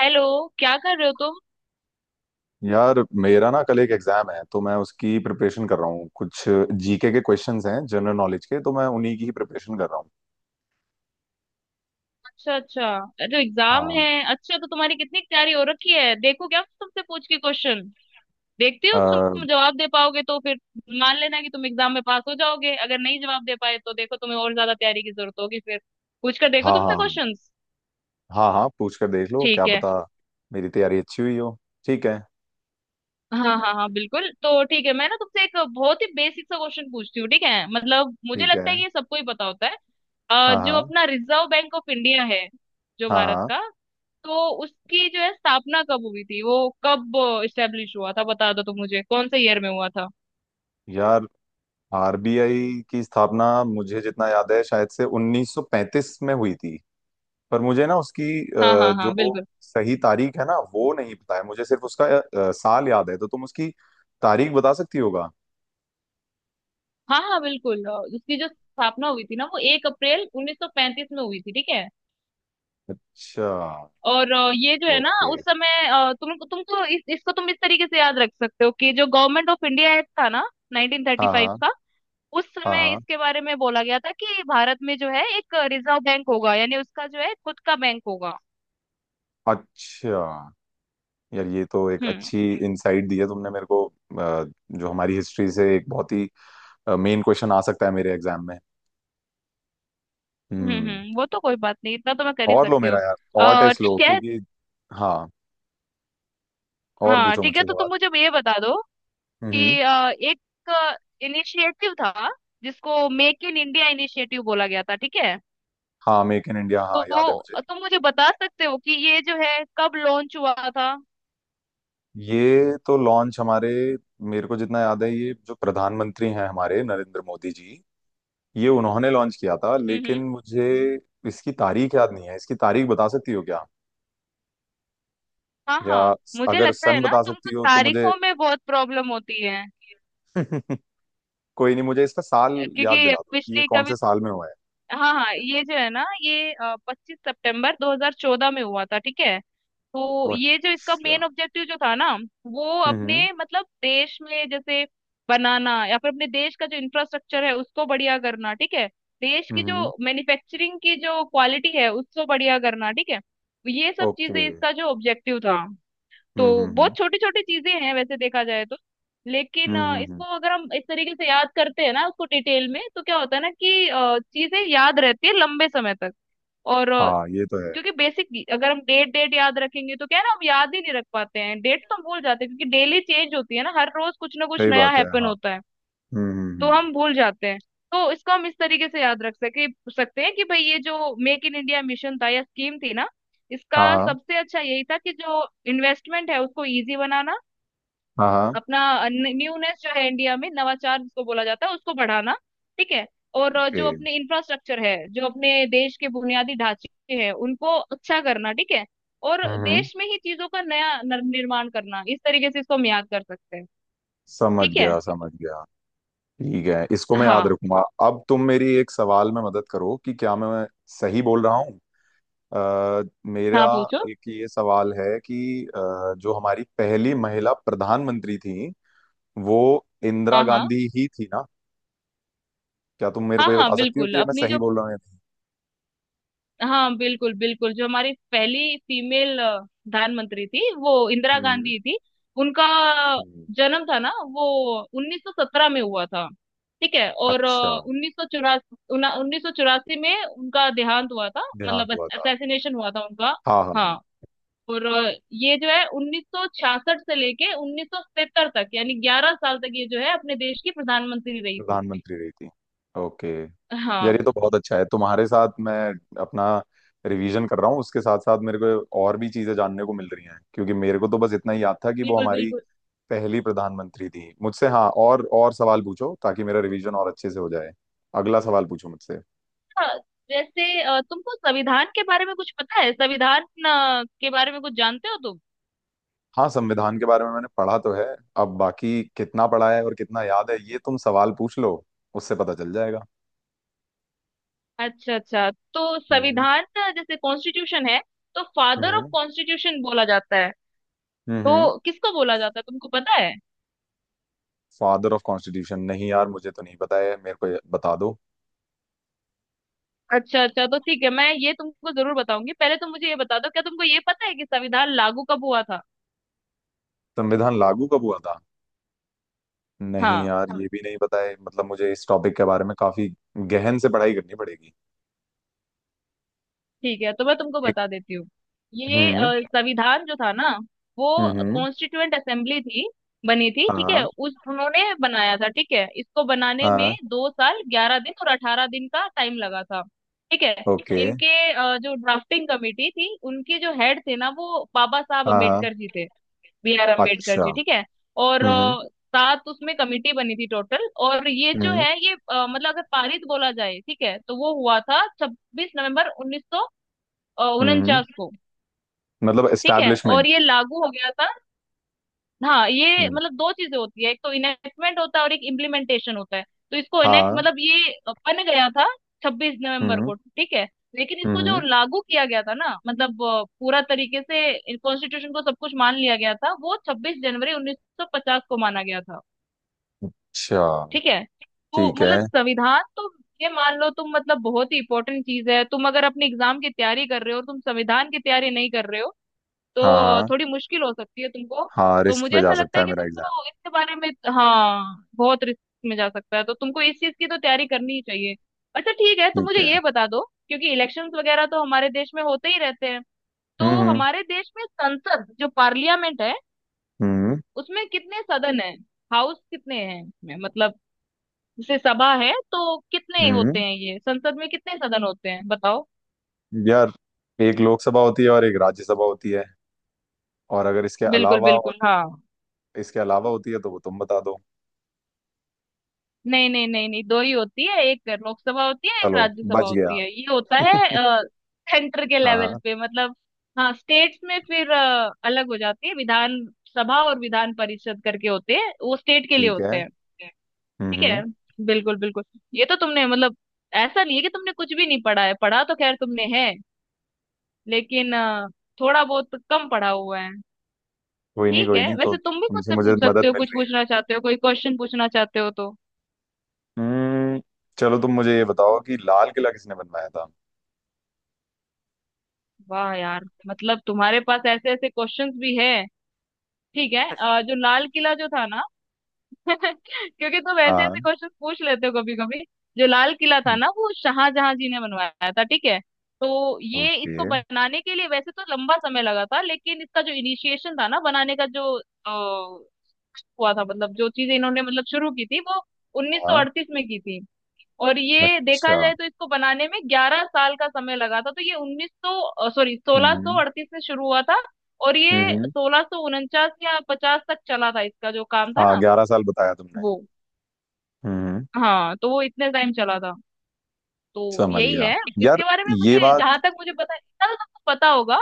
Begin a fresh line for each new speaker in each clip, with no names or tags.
Hello. क्या कर रहे हो तुम?
यार, मेरा ना कल एक एग्जाम है तो मैं उसकी प्रिपरेशन कर रहा हूँ। कुछ जीके के क्वेश्चंस हैं, जनरल नॉलेज के, तो मैं उन्हीं की ही प्रिपरेशन कर रहा हूँ।
अच्छा अच्छा। अरे एग्जाम है?
हाँ।
अच्छा, तो तुम्हारी कितनी तैयारी हो रखी है? देखो, क्या तुमसे पूछ के क्वेश्चन देखती
अ,
हो कि तुम जवाब दे पाओगे, तो फिर मान लेना कि तुम एग्जाम में पास हो जाओगे। अगर नहीं जवाब दे पाए तो देखो, तुम्हें और ज्यादा तैयारी की जरूरत होगी फिर। पूछ कर देखो
हाँ
तुमसे
हाँ।
क्वेश्चंस।
हाँ हाँ, पूछ कर देख लो क्या
ठीक है।
पता मेरी तैयारी अच्छी हुई हो। ठीक है।
हाँ हाँ हाँ, बिल्कुल, तो ठीक है। मैं ना तुमसे एक बहुत ही बेसिक सा क्वेश्चन पूछती हूँ, ठीक है? मतलब मुझे
ठीक है।
लगता है कि ये सबको ही पता होता है।
हाँ
जो
हाँ
अपना रिजर्व बैंक ऑफ इंडिया है, जो
हाँ
भारत
हाँ।
का, तो उसकी जो है स्थापना कब हुई थी? वो कब इस्टेब्लिश हुआ था बता दो तुम मुझे, कौन से ईयर में हुआ था?
यार, आरबीआई की स्थापना मुझे जितना याद है शायद से 1935 में हुई थी। पर मुझे ना उसकी
हाँ हाँ हाँ,
जो
बिल्कुल।
सही तारीख है ना वो नहीं पता है। मुझे सिर्फ उसका साल याद है तो तुम उसकी तारीख बता सकती होगा।
हाँ हाँ बिल्कुल। उसकी जो स्थापना हुई थी ना, वो 1 अप्रैल 1935 में हुई थी, ठीक है।
अच्छा।
और ये जो है ना
ओके।
उस समय, तुमको इसको तुम इस तरीके से याद रख सकते हो कि जो गवर्नमेंट ऑफ इंडिया एक्ट था ना,
हाँ
1935
हाँ।
का, उस
हाँ
समय
हाँ।
इसके बारे में बोला गया था कि भारत में जो है एक रिजर्व बैंक होगा, यानी उसका जो है खुद का बैंक होगा।
अच्छा। यार, ये तो एक
हम्म
अच्छी इनसाइट दी है तुमने मेरे को। जो हमारी हिस्ट्री से एक बहुत ही मेन क्वेश्चन आ सकता है मेरे एग्जाम में। हम्म।
हम्म, वो तो कोई बात नहीं, इतना तो मैं कर ही
और लो
सकती
मेरा
हूँ।
यार, और टेस्ट लो,
ठीक है।
क्योंकि हाँ, और
हाँ
पूछो
ठीक है,
मुझसे
तो
सवाल।
तुम मुझे ये बता दो
हम्म।
कि एक इनिशिएटिव था जिसको मेक इन इंडिया इनिशिएटिव बोला गया था, ठीक है।
हाँ, मेक इन इंडिया, हाँ याद है मुझे।
तो तुम मुझे बता सकते हो कि ये जो है कब लॉन्च हुआ था?
ये तो लॉन्च हमारे, मेरे को जितना याद है ये जो प्रधानमंत्री हैं हमारे नरेंद्र मोदी जी, ये उन्होंने लॉन्च किया था।
हम्म।
लेकिन मुझे इसकी तारीख याद नहीं है। इसकी तारीख बता सकती हो क्या?
हाँ
या
हाँ, मुझे
अगर
लगता
सन
है ना,
बता
तुमको
सकती हो तो मुझे।
तारीखों में बहुत प्रॉब्लम होती है,
कोई नहीं, मुझे इसका साल याद
क्योंकि
दिला दो कि ये
पिछली
कौन
कभी।
से साल में हुआ है।
हाँ हाँ, ये जो है ना, ये 25 सितंबर 2014 में हुआ था, ठीक है। तो
ओ,
ये जो इसका
अच्छा।
मेन ऑब्जेक्टिव जो था ना, वो
हम्म
अपने मतलब देश में जैसे बनाना, या फिर अपने देश का जो इंफ्रास्ट्रक्चर है उसको बढ़िया करना, ठीक है। देश की
हम्म।
जो मैन्युफैक्चरिंग की जो क्वालिटी है उसको बढ़िया करना, ठीक है। ये सब चीजें
ओके।
इसका जो ऑब्जेक्टिव था। तो
हम्म।
बहुत छोटी छोटी चीजें हैं वैसे देखा जाए तो, लेकिन
हम्म हम्म, हम्म।
इसको अगर हम इस तरीके से याद करते हैं ना, उसको डिटेल में, तो क्या होता है ना कि चीजें याद रहती है लंबे समय तक। और
हाँ ये तो है।
क्योंकि बेसिक अगर हम डेट डेट याद रखेंगे तो क्या है ना, हम याद ही नहीं रख पाते हैं। डेट तो हम भूल जाते हैं, क्योंकि डेली चेंज होती है ना, हर रोज कुछ ना कुछ
सही
नया
बात है,
हैपन
हाँ।
होता है। तो
हम्म।
हम भूल जाते हैं। तो इसको हम इस तरीके से याद रख सके सकते हैं कि भाई ये जो मेक इन इंडिया मिशन था या स्कीम थी ना, इसका
हाँ हाँ
सबसे अच्छा यही था कि जो इन्वेस्टमेंट है उसको इजी बनाना,
हाँ हाँ।
अपना न्यूनेस जो है इंडिया में, नवाचार जिसको बोला जाता है उसको बढ़ाना, ठीक है। और
ओके।
जो अपने इंफ्रास्ट्रक्चर है, जो अपने देश के बुनियादी ढांचे हैं उनको अच्छा करना, ठीक है। और
हम्म हम्म।
देश में ही चीजों का नया निर्माण करना, इस तरीके से इसको हम याद कर सकते हैं।
समझ
ठीक है।
गया समझ गया। ठीक है, इसको मैं याद
हाँ
रखूंगा। अब तुम मेरी एक सवाल में मदद करो कि क्या मैं सही बोल रहा हूँ। मेरा
हाँ पूछो।
एक ये सवाल है कि जो हमारी पहली महिला प्रधानमंत्री थी वो इंदिरा
हाँ हाँ
गांधी ही थी ना? क्या तुम मेरे
हाँ
को ये
हाँ
बता सकती हो
बिल्कुल।
कि ये मैं
अपनी
सही
जो,
बोल रहा हूँ या नहीं?
हाँ बिल्कुल बिल्कुल, जो हमारी पहली फीमेल प्रधानमंत्री थी वो इंदिरा
हम्म।
गांधी थी। उनका
हम्म।
जन्म था ना, वो 1917 में हुआ था, ठीक है। और
अच्छा,
उन्नीस सौ चौरासी में उनका देहांत हुआ था।
देहांत
मतलब
हुआ था।
असैसिनेशन हुआ था उनका।
हाँ हाँ हाँ।
हाँ। और ये जो है 1966 से लेके 1970 तक, यानी 11 साल तक ये जो है अपने देश की प्रधानमंत्री रही थी।
प्रधानमंत्री रही थी। ओके।
हाँ
यार, ये तो बहुत अच्छा है। तुम्हारे साथ मैं अपना रिवीजन कर रहा हूँ, उसके साथ साथ मेरे को और भी चीजें जानने को मिल रही हैं। क्योंकि मेरे को तो बस इतना ही याद था कि वो
बिल्कुल
हमारी
बिल्कुल।
पहली प्रधानमंत्री थी मुझसे। हाँ, और सवाल पूछो ताकि मेरा रिवीजन और अच्छे से हो जाए। अगला सवाल पूछो मुझसे।
हाँ, जैसे तुमको संविधान के बारे में कुछ पता है? संविधान के बारे में कुछ जानते हो तुम?
हाँ, संविधान के बारे में मैंने पढ़ा तो है। अब बाकी कितना पढ़ा है और कितना याद है ये तुम सवाल पूछ लो, उससे पता चल जाएगा।
अच्छा अच्छा। तो
हम्म
संविधान जैसे कॉन्स्टिट्यूशन है, तो फादर ऑफ
हम्म
कॉन्स्टिट्यूशन बोला जाता है,
हम्म।
तो किसको बोला जाता है तुमको पता है?
फादर ऑफ कॉन्स्टिट्यूशन नहीं यार, मुझे तो नहीं पता है, मेरे को ये बता दो।
अच्छा अच्छा, तो ठीक है, मैं ये तुमको जरूर बताऊंगी। पहले तुम मुझे ये बता दो, क्या तुमको ये पता है कि संविधान लागू कब हुआ था?
संविधान लागू कब हुआ था? नहीं
हाँ
यार, ये भी नहीं पता है। मतलब मुझे इस टॉपिक के बारे में काफी गहन से पढ़ाई करनी पड़ेगी।
ठीक है, तो मैं तुमको
एक।
बता देती हूँ। ये
हम्म
संविधान जो था ना, वो
हम्म।
कॉन्स्टिट्यूएंट असेंबली थी बनी थी, ठीक है,
हाँ
उस उन्होंने बनाया था, ठीक है। इसको बनाने
हाँ।
में 2 साल 11 दिन और 18 दिन का टाइम लगा था, ठीक है।
ओके।
इनके जो ड्राफ्टिंग कमेटी थी, उनके जो हेड थे ना वो बाबा साहब
हाँ हाँ।
अम्बेडकर जी थे, बी आर अम्बेडकर
अच्छा।
जी, ठीक है। और
हम्म
7 उसमें कमेटी बनी थी टोटल। और ये जो
हम्म
है ये मतलब अगर पारित बोला जाए, ठीक है, तो वो हुआ था छब्बीस नवंबर 1900
हम्म।
उनचास को,
मतलब
ठीक है।
एस्टैब्लिशमेंट।
और ये लागू हो गया था। हाँ, ये
हम्म।
मतलब दो चीजें होती है, एक तो इनेक्टमेंट होता है और एक इम्प्लीमेंटेशन होता है। तो इसको इनेक्ट
हाँ।
मतलब ये बन गया था 26 नवंबर
हम्म
को, ठीक है। लेकिन इसको जो
हम्म।
लागू किया गया था ना, मतलब पूरा तरीके से कॉन्स्टिट्यूशन को सब कुछ मान लिया गया था, वो 26 जनवरी 1950 को माना गया था,
अच्छा,
ठीक है। तो
ठीक है।
मतलब संविधान तो, ये मान लो तुम, मतलब बहुत ही इंपॉर्टेंट चीज है। तुम अगर अपने एग्जाम की तैयारी कर रहे हो और तुम संविधान की तैयारी नहीं कर रहे हो
हाँ
तो
हाँ।
थोड़ी मुश्किल हो सकती है तुमको।
हाँ,
तो
रिस्क
मुझे
पे जा
ऐसा लगता
सकता
है
है
कि
मेरा एग्जाम।
तुमको इसके बारे में, हाँ बहुत रिस्क में जा सकता है, तो तुमको इस चीज की तो तैयारी करनी ही चाहिए। अच्छा ठीक है, तुम
ठीक
मुझे
है।
ये बता दो, क्योंकि इलेक्शंस वगैरह तो हमारे देश में होते ही रहते हैं,
हम्म
तो
हम्म
हमारे देश में संसद जो पार्लियामेंट है
हम्म
उसमें कितने सदन है? हाउस कितने हैं इसमें, मतलब जैसे सभा है तो कितने होते
हम्म।
हैं? ये संसद में कितने सदन होते हैं बताओ?
यार, एक लोकसभा होती है और एक राज्यसभा होती है। और अगर इसके
बिल्कुल
अलावा और
बिल्कुल, हाँ।
इसके अलावा होती है तो वो तुम बता दो।
नहीं नहीं नहीं नहीं, दो ही होती है, एक लोकसभा होती है, एक
चलो,
राज्यसभा
बच गया।
होती है, ये होता है सेंटर के
हाँ
लेवल
हाँ।
पे। मतलब हाँ, स्टेट्स में फिर अलग हो जाती है, विधान सभा और विधान परिषद करके होते हैं, वो स्टेट के लिए
ठीक
होते
है।
हैं। ठीक है।
हम्म।
बिल्कुल बिल्कुल। ये तो तुमने मतलब, ऐसा नहीं है कि तुमने कुछ भी नहीं पढ़ा है, पढ़ा तो खैर तुमने है, लेकिन थोड़ा बहुत तो कम पढ़ा हुआ है।
कोई नहीं
ठीक
कोई
है,
नहीं, तो
वैसे तुम भी
तुमसे
मुझसे
मुझे
पूछ
मदद
सकते हो,
मिल
कुछ
रही
पूछना चाहते हो, कोई क्वेश्चन पूछना चाहते हो तो?
है। हम्म। चलो, तुम मुझे ये बताओ कि लाल किला किसने बनवाया
वाह यार, मतलब तुम्हारे पास ऐसे ऐसे क्वेश्चंस भी है? ठीक है। अ,
था।
जो लाल किला जो था ना क्योंकि तुम ऐसे ऐसे
हाँ।
क्वेश्चंस पूछ लेते हो कभी कभी। जो लाल किला था ना, वो शाहजहां जी ने बनवाया था, ठीक है। तो ये
ओके।
इसको बनाने के लिए वैसे तो लंबा समय लगा था, लेकिन इसका जो इनिशिएशन था ना, बनाने का जो अ, हुआ था, मतलब जो चीजें इन्होंने मतलब शुरू की थी वो
हाँ।
1938 में की थी। और ये देखा
अच्छा।
जाए तो इसको बनाने में 11 साल का समय लगा था। तो ये उन्नीस सौ सॉरी सोलह सौ
हम्म
अड़तीस में शुरू हुआ था, और ये
हम्म।
1649 या पचास तक चला था, इसका जो काम था
हाँ,
ना
11 साल बताया तुमने।
वो,
हम्म।
हाँ तो वो इतने टाइम चला था। तो
समझ
यही
गया।
है
यार
इसके बारे में
ये
मुझे,
बात।
जहां तक मुझे पता। इतना तो तुमको पता होगा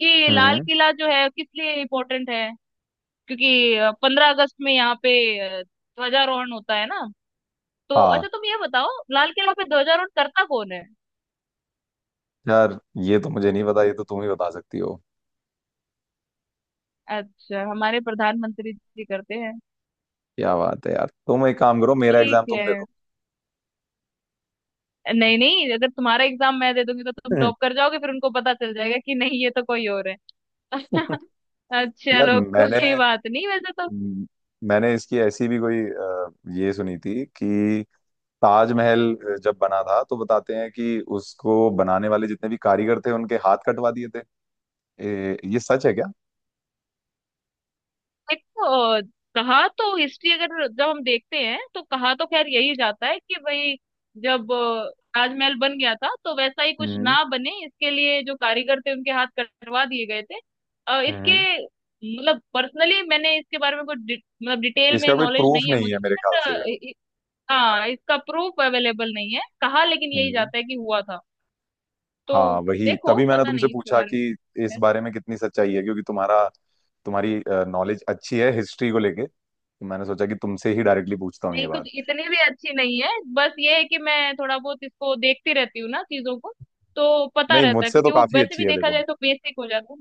कि लाल
हम्म।
किला जो है किस लिए इम्पोर्टेंट है, क्योंकि 15 अगस्त में यहाँ पे ध्वजारोहण होता है ना। तो
हाँ।
अच्छा, तुम ये बताओ, लाल किला पे ध्वजारोहण करता कौन है?
यार, ये तो मुझे नहीं पता, ये तो तुम ही बता सकती हो।
अच्छा, हमारे प्रधानमंत्री जी करते हैं,
क्या बात है यार, तुम एक काम करो, मेरा
ठीक
एग्जाम तुम दे
है।
दो।
नहीं नहीं, अगर तुम्हारा एग्जाम मैं दे दूंगी तो तुम
हम्म।
टॉप कर जाओगे, फिर उनको पता चल जाएगा कि नहीं ये तो कोई और है। अच्छा,
यार,
चलो
मैंने
कोई बात नहीं, वैसे तो
मैंने इसकी ऐसी भी कोई ये सुनी थी कि ताजमहल जब बना था तो बताते हैं कि उसको बनाने वाले जितने भी कारीगर थे उनके हाथ कटवा दिए थे। ए, ये सच है
देखो अ, कहा तो, हिस्ट्री अगर जब हम देखते हैं तो कहा तो खैर यही जाता है कि भाई जब ताजमहल बन गया था तो वैसा ही कुछ
क्या?
ना बने इसके लिए जो कारीगर थे उनके हाथ कटवा दिए गए थे। अ,
हम्म।
इसके मतलब पर्सनली मैंने इसके बारे में कुछ मतलब डिटेल में
इसका कोई
नॉलेज
प्रूफ
नहीं है
नहीं
मुझे,
है मेरे
बट
ख्याल से।
हाँ इसका प्रूफ अवेलेबल नहीं है, कहा लेकिन यही
हम्म।
जाता है कि हुआ था। तो
हाँ वही,
देखो
तभी मैंने
पता
तुमसे
नहीं इसके
पूछा
बारे
कि इस
में।
बारे में कितनी सच्चाई है। क्योंकि तुम्हारा, तुम्हारी नॉलेज अच्छी है हिस्ट्री को लेके, तो मैंने सोचा कि तुमसे ही डायरेक्टली पूछता हूँ ये
नहीं कुछ
बात।
इतनी भी अच्छी नहीं है, बस ये है कि मैं थोड़ा बहुत इसको देखती रहती हूँ ना चीजों को, तो पता
नहीं,
रहता है,
मुझसे तो
क्योंकि वो
काफी
वैसे
अच्छी
भी
है
देखा
देखो।
जाए तो बेसिक हो जाता है।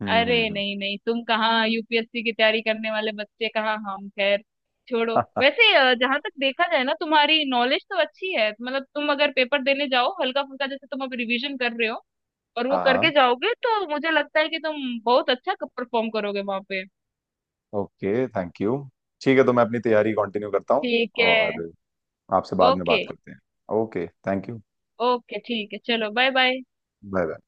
हम्म
अरे
हम्म, हम्म।
नहीं नहीं, तुम कहाँ यूपीएससी की तैयारी करने वाले बच्चे, कहाँ हम, खैर छोड़ो। वैसे जहाँ तक देखा जाए ना, तुम्हारी नॉलेज तो अच्छी है, मतलब तुम अगर पेपर देने जाओ हल्का फुल्का, जैसे तुम अब रिवीजन कर रहे हो और वो
हाँ
करके
हाँ।
जाओगे, तो मुझे लगता है कि तुम बहुत अच्छा परफॉर्म करोगे वहां पे।
Okay, thank you. ठीक है, तो मैं अपनी तैयारी कंटिन्यू करता हूँ
ठीक है।
और आपसे बाद में
ओके।
बात करते हैं। Okay, thank you.
ओके ठीक है, चलो बाय बाय।
Bye bye.